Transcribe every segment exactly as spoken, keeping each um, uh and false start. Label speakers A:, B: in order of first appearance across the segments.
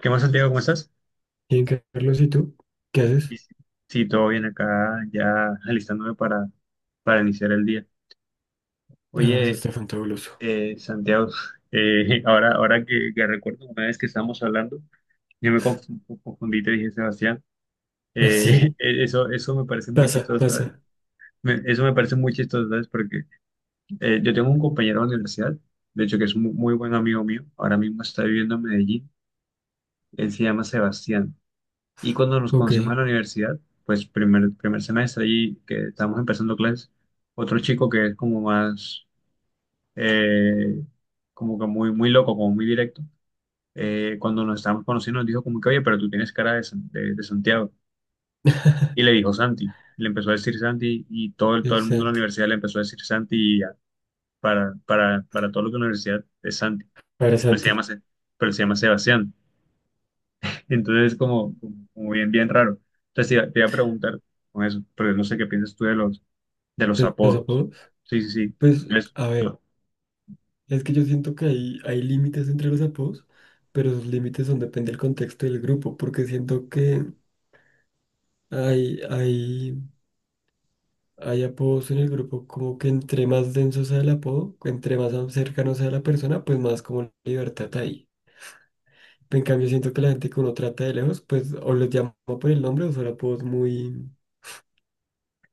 A: ¿Qué más, Santiago? ¿Cómo estás?
B: Bien, Carlos, ¿y tú? ¿Qué haces?
A: Sí, sí. Sí, todo bien acá, ya alistándome para, para iniciar el día.
B: Ah, eso
A: Oye,
B: está fantabuloso.
A: eh, Santiago, eh, ahora, ahora que, que recuerdo una vez que estábamos hablando, yo me conf- confundí, y te dije, Sebastián, eh,
B: Así,
A: eso, eso me parece muy
B: pasa,
A: chistoso, ¿sabes?
B: pasa.
A: Me- eso me parece muy chistoso, ¿sabes? Porque eh, yo tengo un compañero de la universidad, de hecho que es un muy, muy buen amigo mío, ahora mismo está viviendo en Medellín, él se llama Sebastián. Y cuando nos
B: Ok.
A: conocimos en la universidad, pues primer, primer semestre allí que estábamos empezando clases, otro chico que es como más, eh, como que muy, muy loco, como muy directo, eh, cuando nos estábamos conociendo nos dijo como que, oye, pero tú tienes cara de, San- de, de Santiago. Y le dijo Santi, y le empezó a decir Santi y todo el, todo
B: El
A: el mundo en la
B: Santi.
A: universidad le empezó a decir Santi y ya, para, para, para todo lo que la universidad es Santi,
B: Para
A: pero él se
B: Santi,
A: llama, Se- pero él se llama Sebastián. Entonces, como, como bien, bien raro. Entonces, te iba te iba a preguntar con eso, pero no sé qué piensas tú de los, de los
B: de los
A: apodos.
B: apodos.
A: Sí, sí, sí.
B: Pues,
A: eso
B: a ver,
A: So-
B: es que yo siento que hay, hay límites entre los apodos, pero los límites son depende del contexto del grupo, porque siento que hay, hay, hay apodos en el grupo como que entre más denso sea el apodo, entre más cercano sea la persona, pues más como libertad hay. En cambio, siento que la gente que uno trata de lejos, pues o los llama por el nombre o son apodos muy,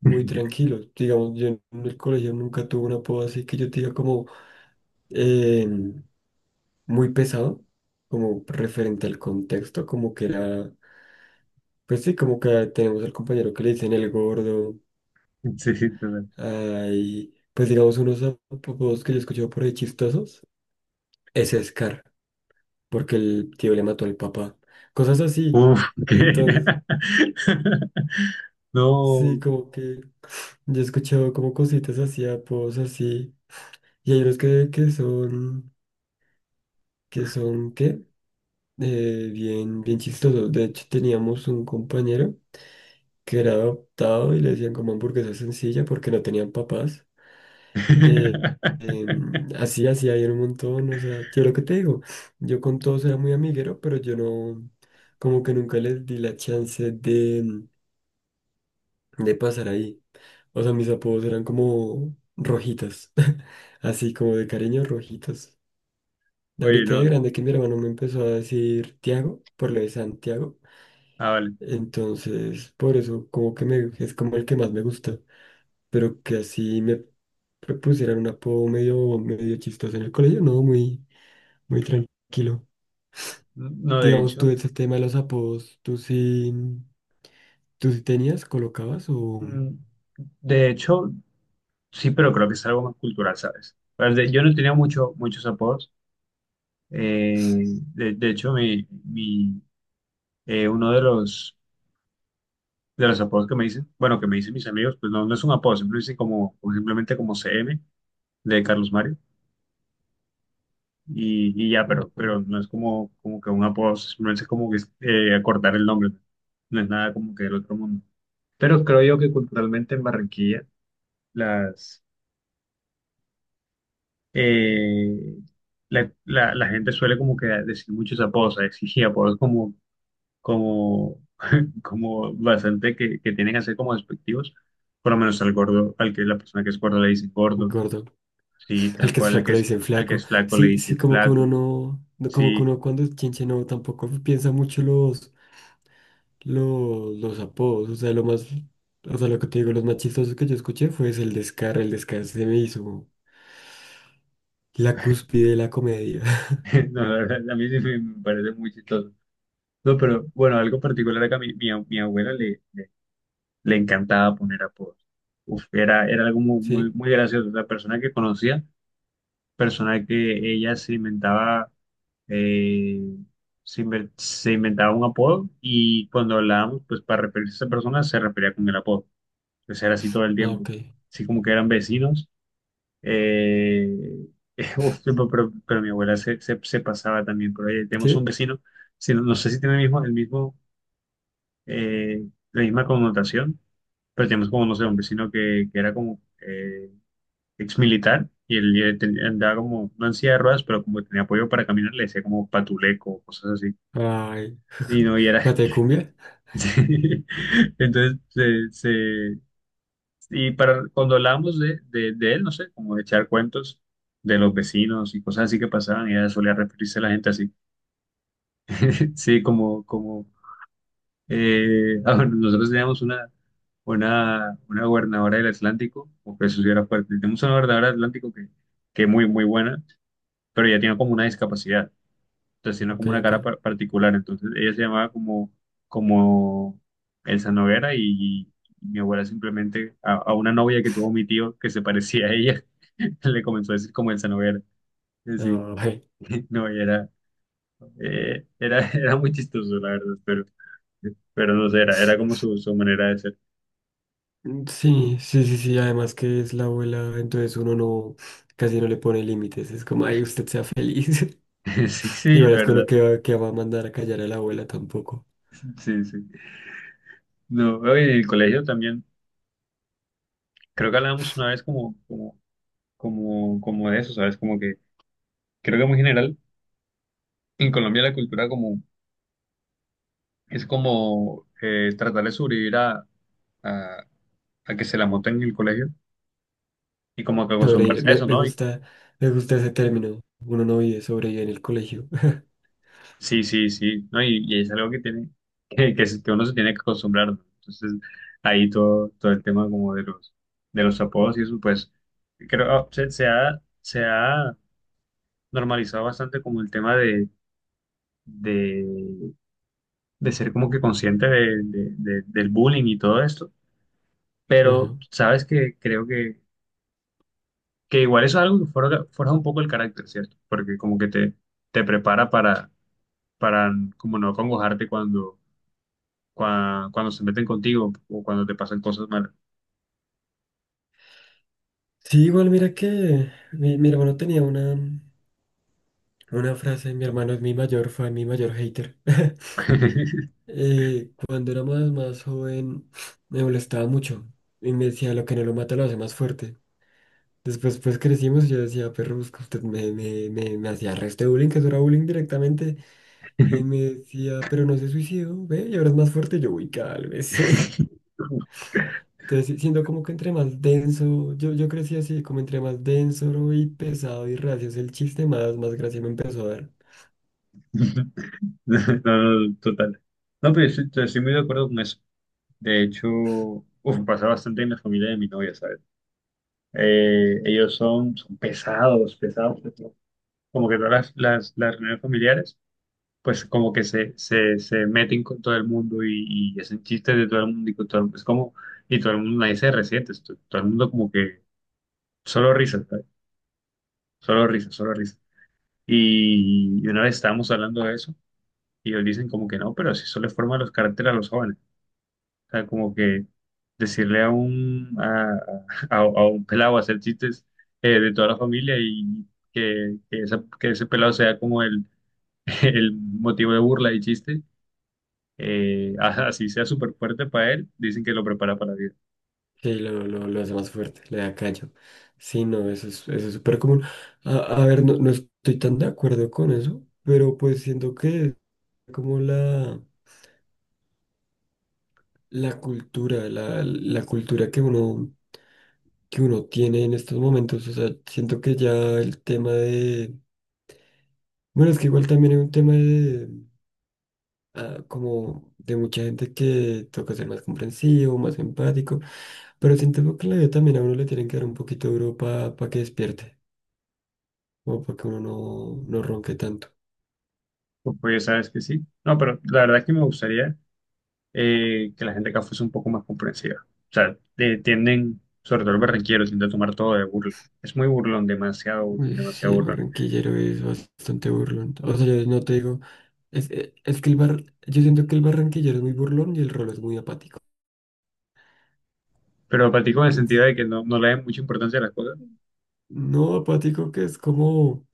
B: muy tranquilos. Digamos, yo en el colegio nunca tuve un apodo así que yo te diga como eh, muy pesado, como referente al contexto, como que era, pues sí, como que tenemos al compañero que le dicen el gordo,
A: Sí, sí, total.
B: hay, pues digamos, unos apodos que yo he escuchado por ahí chistosos, es Scar, porque el tío le mató al papá, cosas así.
A: Uf, ¿qué?
B: Entonces, sí,
A: No.
B: como que yo he escuchado como cositas así, apodos así, y hay unos que, que son, que son, ¿qué? Eh, bien, bien chistosos. De hecho, teníamos un compañero que era adoptado y le decían como hamburguesa sencilla porque no tenían papás. Eh, em, así, así había un montón. O sea, yo lo que te digo, yo con todos era muy amiguero, pero yo no, como que nunca les di la chance de, de pasar ahí. O sea, mis apodos eran como rojitas, así como de cariño, rojitas.
A: Oye,
B: Ahorita de
A: no.
B: grande que mi hermano me empezó a decir Tiago, por lo de Santiago.
A: Ah, vale.
B: Entonces, por eso, como que me, es como el que más me gusta. Pero que así me propusieran un apodo medio, medio chistoso en el colegio, no, muy, muy tranquilo.
A: No, de
B: Digamos, tú
A: hecho,
B: ese tema de los apodos, ¿tú sí, tú sí tenías, colocabas o
A: mm, de hecho, sí, pero creo que es algo más cultural, ¿sabes? Pero de- Yo no tenía mucho, muchos apodos. Eh, de, de hecho, mi, mi, eh, uno de los de los apodos que me dicen, bueno, que me dicen mis amigos, pues no, no es un apodo, siempre dicen como, como simplemente como C M de Carlos Mario y, y ya, pero,
B: ah,
A: pero no es como, como que un apodo, simplemente es como que eh, acortar el nombre, no es nada como que del otro mundo. Pero creo yo que culturalmente en Barranquilla las, eh, la, la, la gente suele como que decir muchos apodos, exigir apodos como, como, como bastante que, que tienen que ser como despectivos. Por lo menos al gordo, al que la persona que es gorda le dicen gordo.
B: gordo?
A: Sí,
B: Al
A: tal
B: que es
A: cual el que
B: flaco le
A: es,
B: dicen
A: al que
B: flaco.
A: es flaco le
B: Sí, sí,
A: dicen
B: como que uno
A: flaco.
B: no, no- como que
A: Sí,
B: uno cuando es chinche no, tampoco piensa mucho los, los, los apodos. O sea, lo más, o sea, lo que te digo, los más chistosos que yo escuché fue ese, el descarre, el descarre se me hizo la cúspide de la comedia.
A: no, la verdad, a mí sí me me parece muy chistoso. No, pero bueno, algo particular acá, mi, mi, mi abuela le, le, le encantaba poner apodos. Uf, era, era algo muy, muy,
B: ¿Sí?
A: muy gracioso. La persona que conocía, persona que ella se inventaba, eh, se, inven- se inventaba un apodo y cuando hablábamos, pues para referirse a esa persona, se refería con el apodo. Pues era así todo el
B: Ah,
A: tiempo.
B: ok.
A: Así como que eran vecinos. Eh, uf, sí, pero, pero- pero mi abuela se, se- se pasaba también por ahí. Tenemos un
B: ¿Sí?
A: vecino, si no, no sé si tiene el mismo, el mismo, eh, la misma connotación, pero tenemos como, no sé, un vecino que, que era como eh, ex militar y él, eh, ten- andaba como, no en silla de ruedas, pero como tenía apoyo para caminar, le decía como patuleco, cosas así.
B: Ay,
A: Y no, y era.
B: ¿pate de cumbia?
A: Entonces se, Y para cuando hablamos de, de, de él, no sé, como de echar cuentos de los vecinos y cosas así que pasaban, ella solía referirse a la gente así. Sí, como, como eh, ah, bueno, nosotros teníamos una, una, una gobernadora del Atlántico, o que eso sí era fuerte. Tenemos una gobernadora del Atlántico que, que muy, muy buena, pero ella tenía como una discapacidad. Tenía
B: Ok,
A: como una
B: ok.
A: cara par- particular, entonces ella se llamaba como, como Elsa Noguera y, y mi abuela simplemente a, a una novia que tuvo mi tío que se parecía a ella, le comenzó a decir como Elsa Noguera. Eh, Sí,
B: Ay.
A: no, y era, eh, era, era muy chistoso, la verdad, pero, pero no sé, era, era como su, su manera de ser.
B: Sí, sí, sí, sí, además que es la abuela, entonces uno no, casi no le pone límites, es como, ay, usted sea feliz.
A: Sí,
B: Y
A: sí, la
B: parece
A: verdad,
B: uno que, va- que va a mandar a callar a la abuela tampoco.
A: sí, sí. No, oye, en el colegio también, creo que hablábamos una vez como, como, como, como de eso, ¿sabes? Como que creo que muy general en Colombia la cultura como es como eh, tratar de sobrevivir a, a, a que se la monten en el colegio y como que
B: Sobrevivir.
A: acostumbrarse a
B: Me,
A: eso,
B: me
A: ¿no? Y-
B: gusta, me gusta ese término. Uno no vive, sobrevive en el colegio.
A: sí, sí, sí, ¿no? Y, y es algo que tiene, que, que, se- que uno se tiene que acostumbrar, ¿no? Entonces, ahí todo, todo el tema como de los, de los apodos y eso, pues, creo, ah, se, se ha, se ha normalizado bastante como el tema de, de, de ser como que consciente de, de- de- del bullying y todo esto, pero
B: Ajá.
A: sabes que creo que Que igual eso es algo que forja, forja un poco el carácter, ¿cierto? Porque como que te, te prepara para, para como no acongojarte cuando, cua- cuando se meten contigo o cuando te pasan cosas malas.
B: Sí, igual mira que mi, mi hermano tenía una, una frase, mi hermano es mi mayor fan, mi mayor hater. Eh, cuando era más, más joven me molestaba mucho y me decía lo que no lo mata lo hace más fuerte. Después pues crecimos y yo decía, perro, busca usted me, me, me, me hacía resto de bullying, que eso era bullying directamente. Y me decía, pero no se suicidó, ve, y ahora es más fuerte. Yo, uy, vez sí. Entonces, sí, siendo como que entre más denso, yo, yo crecí así, como entre más denso y pesado y reacio el chiste, más, más gracia me empezó a dar.
A: No, no, no, total. No, pero yo estoy, estoy muy de acuerdo con eso. De hecho, uf, pasa bastante en la familia de mi novia, ¿sabes? Eh, ellos son, son pesados, pesados, pesados. Como que todas las, las, las reuniones familiares. Pues como que se, se, se meten con todo el mundo y, y hacen chistes de todo el mundo y con todo el mundo. Es como, y todo el mundo, nadie se resiente, es to- todo el mundo como que solo risas, ¿sabes? Solo risas, solo risas. Y, y una vez estábamos hablando de eso y ellos dicen como que no, pero si eso le forma los caracteres a los jóvenes. O sea, como que decirle a un, a, a, a un pelado hacer chistes eh, de toda la familia y que, que, esa- que ese pelado sea como el, el motivo de burla y chiste eh, a- así sea súper fuerte para él, dicen que lo prepara para la vida.
B: Sí, lo, lo, lo hace más fuerte, le da callo. Sí, no, eso es, eso es súper común. A, a ver, no, no estoy tan de acuerdo con eso, pero pues siento que es como la, la cultura, la, la cultura que uno, que uno tiene en estos momentos. O sea, siento que ya el tema de bueno, es que igual también hay un tema de, ah, como de mucha gente que toca ser más comprensivo, más empático, pero siento que en la vida también a uno le tienen que dar un poquito duro para que despierte, o para que uno no, no ronque tanto.
A: Pues, pues, sabes que sí. No, pero la verdad es que me gustaría eh, que la gente acá fuese un poco más comprensiva. O sea, de- tienden, sobre todo el barranquero, tiende a tomar todo de burla. Es muy burlón, demasiado burlón,
B: Uy, sí,
A: demasiado
B: el
A: burlón.
B: barranquillero es bastante burlón. O sea, yo no te digo, es, e- es que el bar, yo siento que el barranquillero es muy burlón y el rolo es muy apático.
A: Pero platico en el sentido
B: Entonces,
A: de que no, no le dan mucha importancia a las cosas.
B: no apático que es como,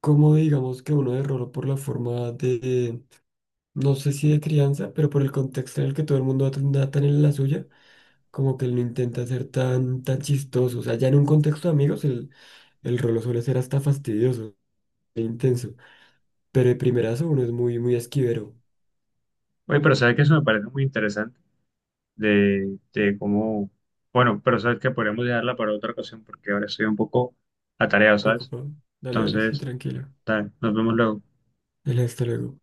B: como digamos que uno de rolo por la forma de no sé si de crianza, pero por el contexto en el que todo el mundo anda tan en la suya, como que él no intenta ser tan, tan chistoso. O sea, ya en un contexto de amigos, el, el rolo suele ser hasta fastidioso e intenso. Pero de primerazo uno es muy, muy esquivero.
A: Oye, pero sabes que eso me parece muy interesante de, de cómo... Bueno, pero sabes que podríamos dejarla para otra ocasión porque ahora estoy un poco atareado, ¿sabes?
B: Ocupado. Dale, dale, sí,
A: Entonces,
B: tranquilo.
A: tal, nos vemos luego.
B: Dale, hasta luego.